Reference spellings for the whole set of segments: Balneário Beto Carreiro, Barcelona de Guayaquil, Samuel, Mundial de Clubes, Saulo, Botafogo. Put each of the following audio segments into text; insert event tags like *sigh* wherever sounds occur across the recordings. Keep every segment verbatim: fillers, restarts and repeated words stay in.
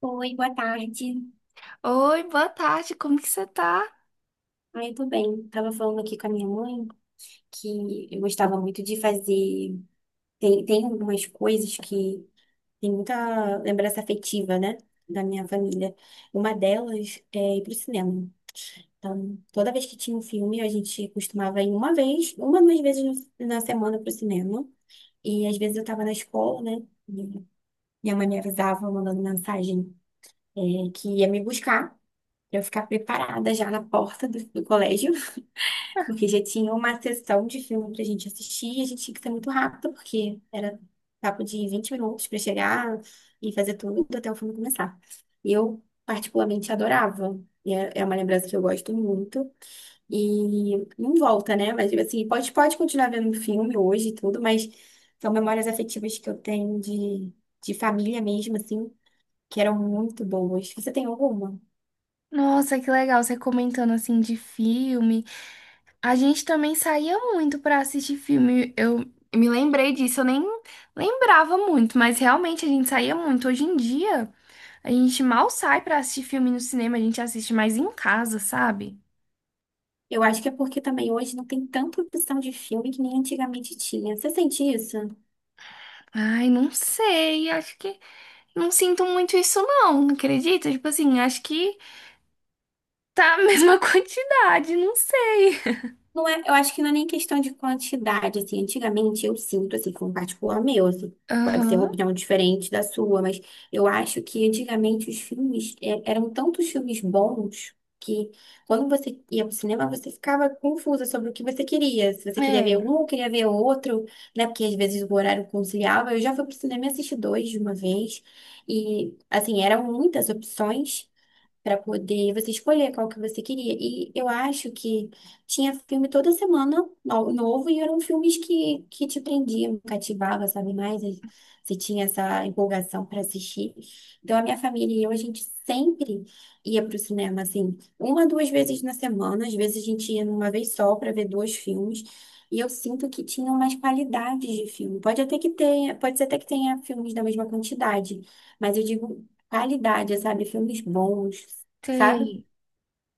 Oi, boa tarde. Oi, boa tarde, como que você tá? Ah, eu tô bem. Tava falando aqui com a minha mãe que eu gostava muito de fazer. Tem, tem algumas coisas que tem muita lembrança afetiva, né? Da minha família. Uma delas é ir pro cinema. Então, toda vez que tinha um filme, a gente costumava ir uma vez, uma, duas vezes no- na semana pro cinema. E às vezes eu tava na escola, né? E minha mãe me avisava, mandando mensagem, é, que ia me buscar, pra eu ficar preparada já na porta do do colégio. Porque já tinha uma sessão de filme pra gente assistir e a gente tinha que ser muito rápido, porque era papo de vinte minutos pra chegar e fazer tudo até o filme começar. E eu, particularmente, adorava. E é é uma lembrança que eu gosto muito. E não volta, né? Mas, assim, pode, pode continuar vendo o filme hoje e tudo, mas são memórias afetivas que eu tenho de, de família mesmo, assim, que eram muito boas. Você tem alguma? Nossa, que legal você comentando assim de filme. A gente também saía muito pra assistir filme. Eu me lembrei disso, eu nem lembrava muito, mas realmente a gente saía muito. Hoje em dia, a gente mal sai pra assistir filme no cinema, a gente assiste mais em casa, sabe? Eu acho que é porque também hoje não tem tanta opção de filme que nem antigamente tinha. Você sente isso? Ai, não sei, acho que não sinto muito isso não, acredita? Tipo assim, acho que tá a mesma *laughs* quantidade, não sei. Não é, eu acho que não é nem questão de quantidade, assim. Antigamente eu sinto, assim, com um particular meu, assim, pode ser uma Aham. opinião diferente da sua, mas eu acho que antigamente os filmes é, eram tantos filmes bons que quando você ia pro cinema você ficava confusa sobre o que você queria. Se você queria ver um É, ou queria ver outro, né? Porque às vezes o horário conciliava. Eu já fui pro cinema e assisti dois de uma vez. E, assim, eram muitas opções para poder você escolher qual que você queria. E eu acho que tinha filme toda semana no- novo e eram filmes que, que te prendiam, cativava, sabe mais? E você tinha essa empolgação para assistir. Então, a minha família e eu, a gente sempre ia para o cinema, assim, uma, duas vezes na semana. Às vezes, a gente ia numa vez só para ver dois filmes. E eu sinto que tinham mais qualidades de filme. Pode até que tenha, pode ser até que tenha filmes da mesma quantidade, mas eu digo qualidade, sabe? Filmes bons, sabe? sei.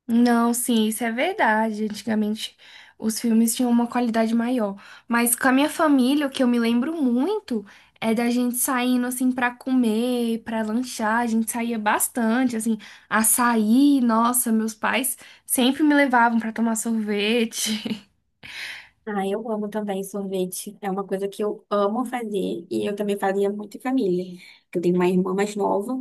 Não, sim, isso é verdade. Antigamente os filmes tinham uma qualidade maior. Mas com a minha família, o que eu me lembro muito é da gente saindo assim pra comer, pra lanchar. A gente saía bastante, assim, açaí. Nossa, meus pais sempre me levavam pra tomar sorvete. *laughs* Ah, eu amo também sorvete. É uma coisa que eu amo fazer e eu também fazia muito em família. Eu tenho uma irmã mais nova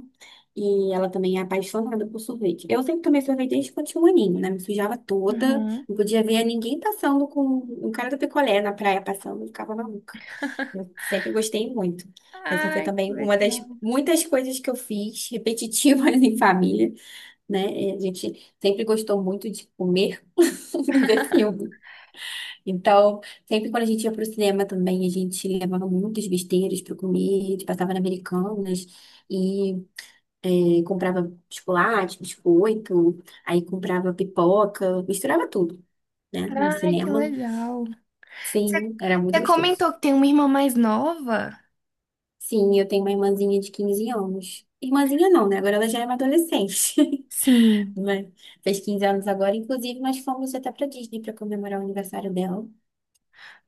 e ela também é apaixonada por sorvete. Eu sempre tomei sorvete desde quando tinha um aninho, né? Me sujava toda, Uhum. não podia ver ninguém passando com um cara do picolé na praia passando, eu ficava maluca. Eu sempre gostei muito. Essa foi Ai, que também uma das legal. muitas coisas que eu fiz, repetitivas *laughs* em família, né? E a gente sempre gostou muito de comer *laughs* e ver filme. Então, sempre quando a gente ia pro cinema também, a gente levava muitas besteiras para comer, a gente passava na Americanas e eh, comprava chocolate, biscoito, aí comprava pipoca, misturava tudo, né? No Ai, que cinema. legal. Você Sim, era muito você gostoso. comentou que tem uma irmã mais nova? Sim, eu tenho uma irmãzinha de quinze anos. Irmãzinha não, né? Agora ela já é uma adolescente. Sim. *laughs* Né? Fez quinze anos agora, inclusive nós fomos até pra Disney pra comemorar o aniversário dela.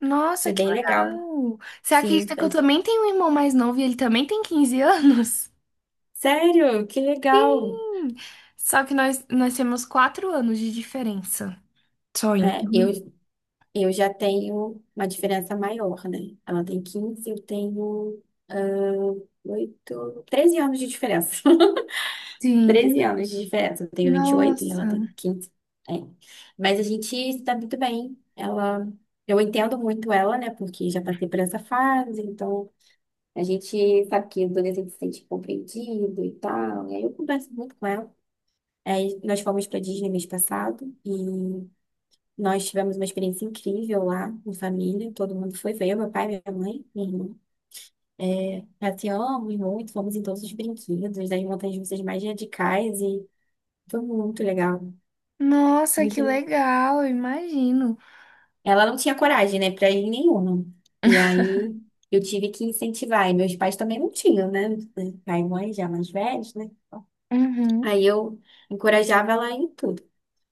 Nossa, Foi que bem legal. legal! Você Sim, acredita que eu faz. também tenho um irmão mais novo e ele também tem quinze anos? *laughs* Sério, que legal. Hum, só que nós, nós temos quatro anos de diferença. Só É, então. eu, eu já tenho uma diferença maior, né? Ela tem quinze, eu tenho ah, oito treze anos de diferença. *laughs* Sim. Treze anos de diferença. Eu tenho vinte e oito e Nossa. ela tem quinze. É. Mas a gente está muito bem. Ela, eu entendo muito ela, né? Porque já passei por essa fase, então a gente sabe que o adolescente se sente compreendido e tal. E aí eu converso muito com ela. Aí nós fomos para Disney mês passado e nós tivemos uma experiência incrível lá em família. Todo mundo foi, foi meu pai, minha mãe, minha irmã. É, passeamos muito, fomos em todos os brinquedos, das montanhas russas mais radicais e foi muito legal. Nossa, que Muito... legal, eu imagino. Ela não tinha coragem, né, para ir em nenhuma. E aí eu tive que incentivar, e meus pais também não tinham, né? Pai e mãe já mais velhos, né? Uhum. Aí eu encorajava ela em tudo.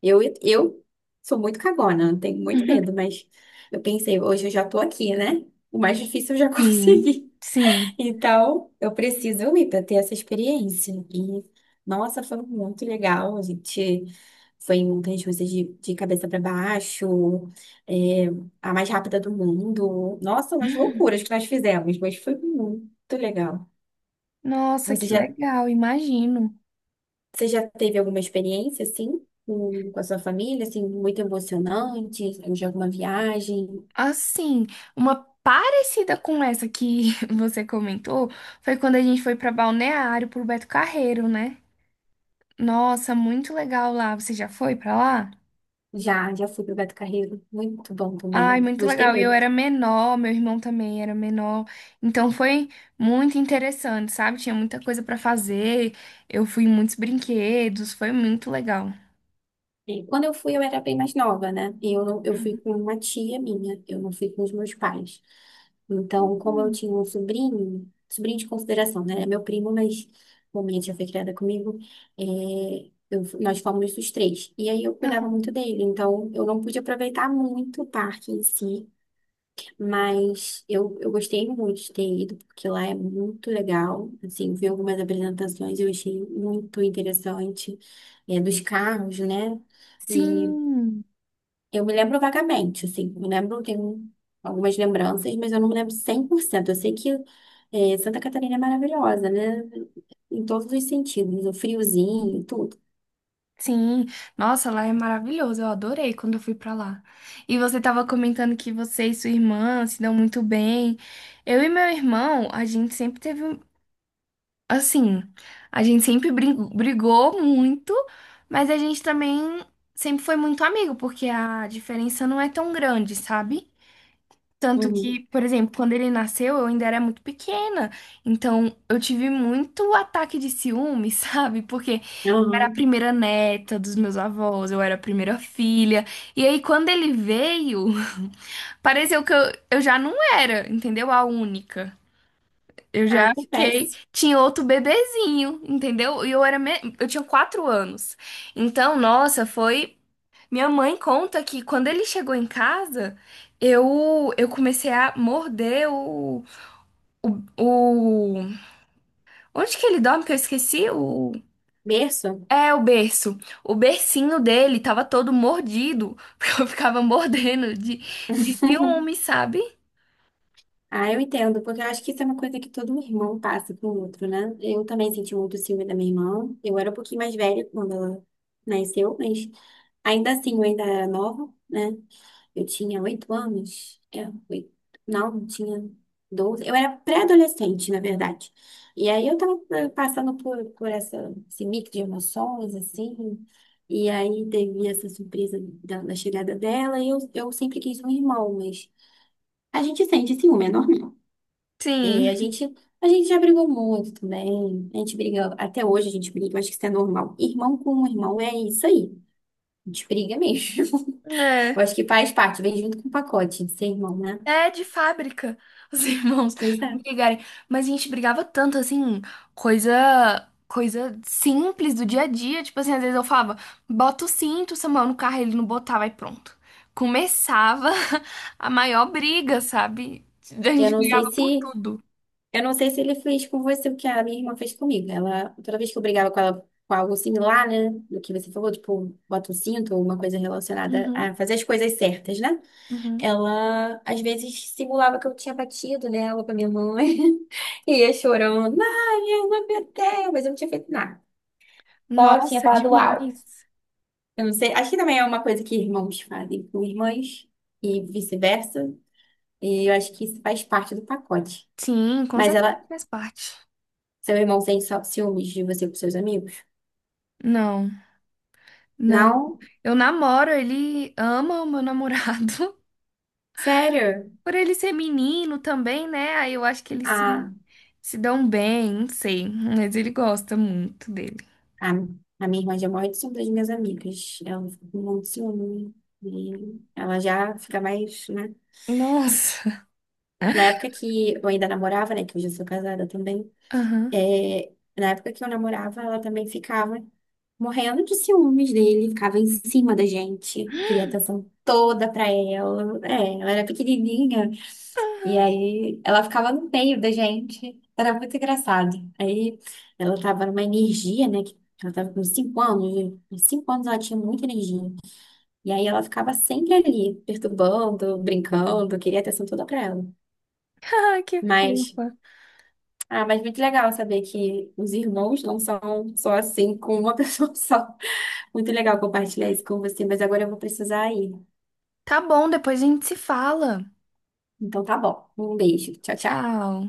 Eu, eu sou muito cagona, tenho muito medo, *laughs* mas eu pensei, hoje eu já tô aqui, né? O mais difícil eu já *laughs* Sim, consegui. sim. Então, eu preciso ir para ter essa experiência. E, nossa, foi muito legal. A gente foi em montanhas russas de, de cabeça para baixo, é, a mais rápida do mundo. Nossa, umas loucuras que nós fizemos, mas foi muito legal. Nossa, Você que já legal, imagino. Você já teve alguma experiência, assim, com, com a sua família, assim, muito emocionante, de alguma viagem? Assim, uma parecida com essa que *laughs* você comentou foi quando a gente foi para Balneário pro Beto Carreiro, né? Nossa, muito legal lá. Você já foi pra lá? Já, já fui pro Beto Carreiro, muito bom Ai, também, muito gostei legal. E eu muito. era menor, meu irmão também era menor. Então foi muito interessante, sabe? Tinha muita coisa pra fazer. Eu fui em muitos brinquedos, foi muito legal. E quando eu fui, eu era bem mais nova, né? E eu, não- eu fui com uma tia minha, eu não fui com os meus pais. Então, como eu Hum. tinha um sobrinho, sobrinho de consideração, né? É meu primo, mas como minha tia foi criada comigo, é, eu- nós fomos os três. E aí eu cuidava Aham. muito dele, então eu não pude aproveitar muito o parque em si. Mas eu, eu gostei muito de ter ido, porque lá é muito legal. Assim, vi algumas apresentações, eu achei muito interessante, é, dos carros, né? E Sim, eu me lembro vagamente, assim, me lembro, tenho algumas lembranças, mas eu não me lembro cem por cento. Eu sei que é, Santa Catarina é maravilhosa, né? Em todos os sentidos, o friozinho, tudo. sim. Nossa, lá é maravilhoso. Eu adorei quando eu fui pra lá. E você tava comentando que você e sua irmã se dão muito bem. Eu e meu irmão, a gente sempre teve. Assim, a gente sempre brin- brigou muito, mas a gente também sempre foi muito amigo, porque a diferença não é tão grande, sabe? Tanto que, Uhum. por exemplo, quando ele nasceu, eu ainda era muito pequena, então eu tive muito ataque de ciúme, *laughs* sabe? Porque eu era a Aham. primeira neta dos meus avós, eu era a primeira filha, e aí quando ele veio, *laughs* pareceu que eu, eu já não era, entendeu? A única. Eu Ah, já fiquei. acontece. Tinha outro bebezinho, entendeu? E eu era me- eu tinha quatro anos. Então, nossa, foi. Minha mãe conta que quando ele chegou em casa, eu eu comecei a morder o, o, o... Onde que ele dorme que eu esqueci? O Berço? é, o berço. O bercinho dele tava todo mordido, *laughs* porque eu ficava mordendo de, de *laughs* ciúme, sabe? Ah, eu entendo, porque eu acho que isso é uma coisa que todo irmão passa com o outro, né? Eu também senti muito ciúme da minha irmã. Eu era um pouquinho mais velha quando ela nasceu, mas ainda assim eu ainda era nova, né? Eu tinha oito anos. É, oito. Não, eu tinha doze. Eu era pré-adolescente, na verdade. E aí eu tava eh, passando por, por essa, esse mix de emoções, assim. E aí teve essa surpresa da, da chegada dela. E eu, eu sempre quis um irmão, mas a gente sente ciúme, é normal. E a Sim. gente, a gente já brigou muito também. A gente briga, até hoje a gente briga, eu acho que isso é normal. Irmão com um irmão é isso aí. A gente briga mesmo. *laughs* é. Eu acho que faz parte, vem junto com o pacote de ser irmão, né? É de fábrica, os *laughs* irmãos Pois é. brigarem. Mas a gente brigava tanto, assim, coisa, coisa simples do dia a dia. Tipo assim, às vezes eu falava, bota o cinto, Samuel, no carro, ele não botava e pronto. Começava *laughs* a maior briga, sabe? A Eu gente não brigava sei por se, tudo. eu não sei se ele fez com você o que a minha irmã fez comigo. Ela, toda vez que eu brigava com ela com algo similar, né? Do que você falou, tipo, bota o cinto ou uma coisa relacionada Uhum, a fazer as coisas certas, né? uhum. Ela, às vezes, simulava que eu tinha batido nela com a minha mãe. *laughs* E ia chorando, ai minha não aguentei. Mas eu não tinha feito nada. Só tinha Nossa, falado alto. demais. Eu não sei. Acho que também é uma coisa que irmãos fazem com irmãs. E vice-versa. E eu acho que isso faz parte do pacote. Sim, com Mas certeza ela... faz parte. Seu irmão sente só ciúmes de você com seus amigos? Não, não. Não. Eu namoro, ele ama o meu namorado. Sério. Por ele ser menino também, né? Aí eu acho que eles se, A, se dão bem, não sei. Mas ele gosta muito dele. a, a minha irmã gêmea são das minhas amigas. Ela fica com um monte de ciúme. E ela já fica mais, né? Nossa. Na época que eu ainda namorava, né? Que hoje eu sou casada também. Aham. é, na época que eu namorava, ela também ficava morrendo de ciúmes dele, ficava em cima da gente, queria atenção toda pra ela. É, ela era pequenininha. E aí ela ficava no meio da gente. Era muito engraçado. Aí ela tava numa energia, né? Que ela tava com cinco anos. Né? Com cinco anos ela tinha muita energia. E aí ela ficava sempre ali, perturbando, brincando, queria atenção toda pra ela. *laughs* Ai, que Mas fofa. Ah, mas muito legal saber que os irmãos não são só assim, com uma *laughs* pessoa só. Muito legal compartilhar isso com você, mas agora eu vou precisar ir. Tá bom, depois a gente se fala. Então tá bom. Um beijo. Tchau, tchau. Tchau.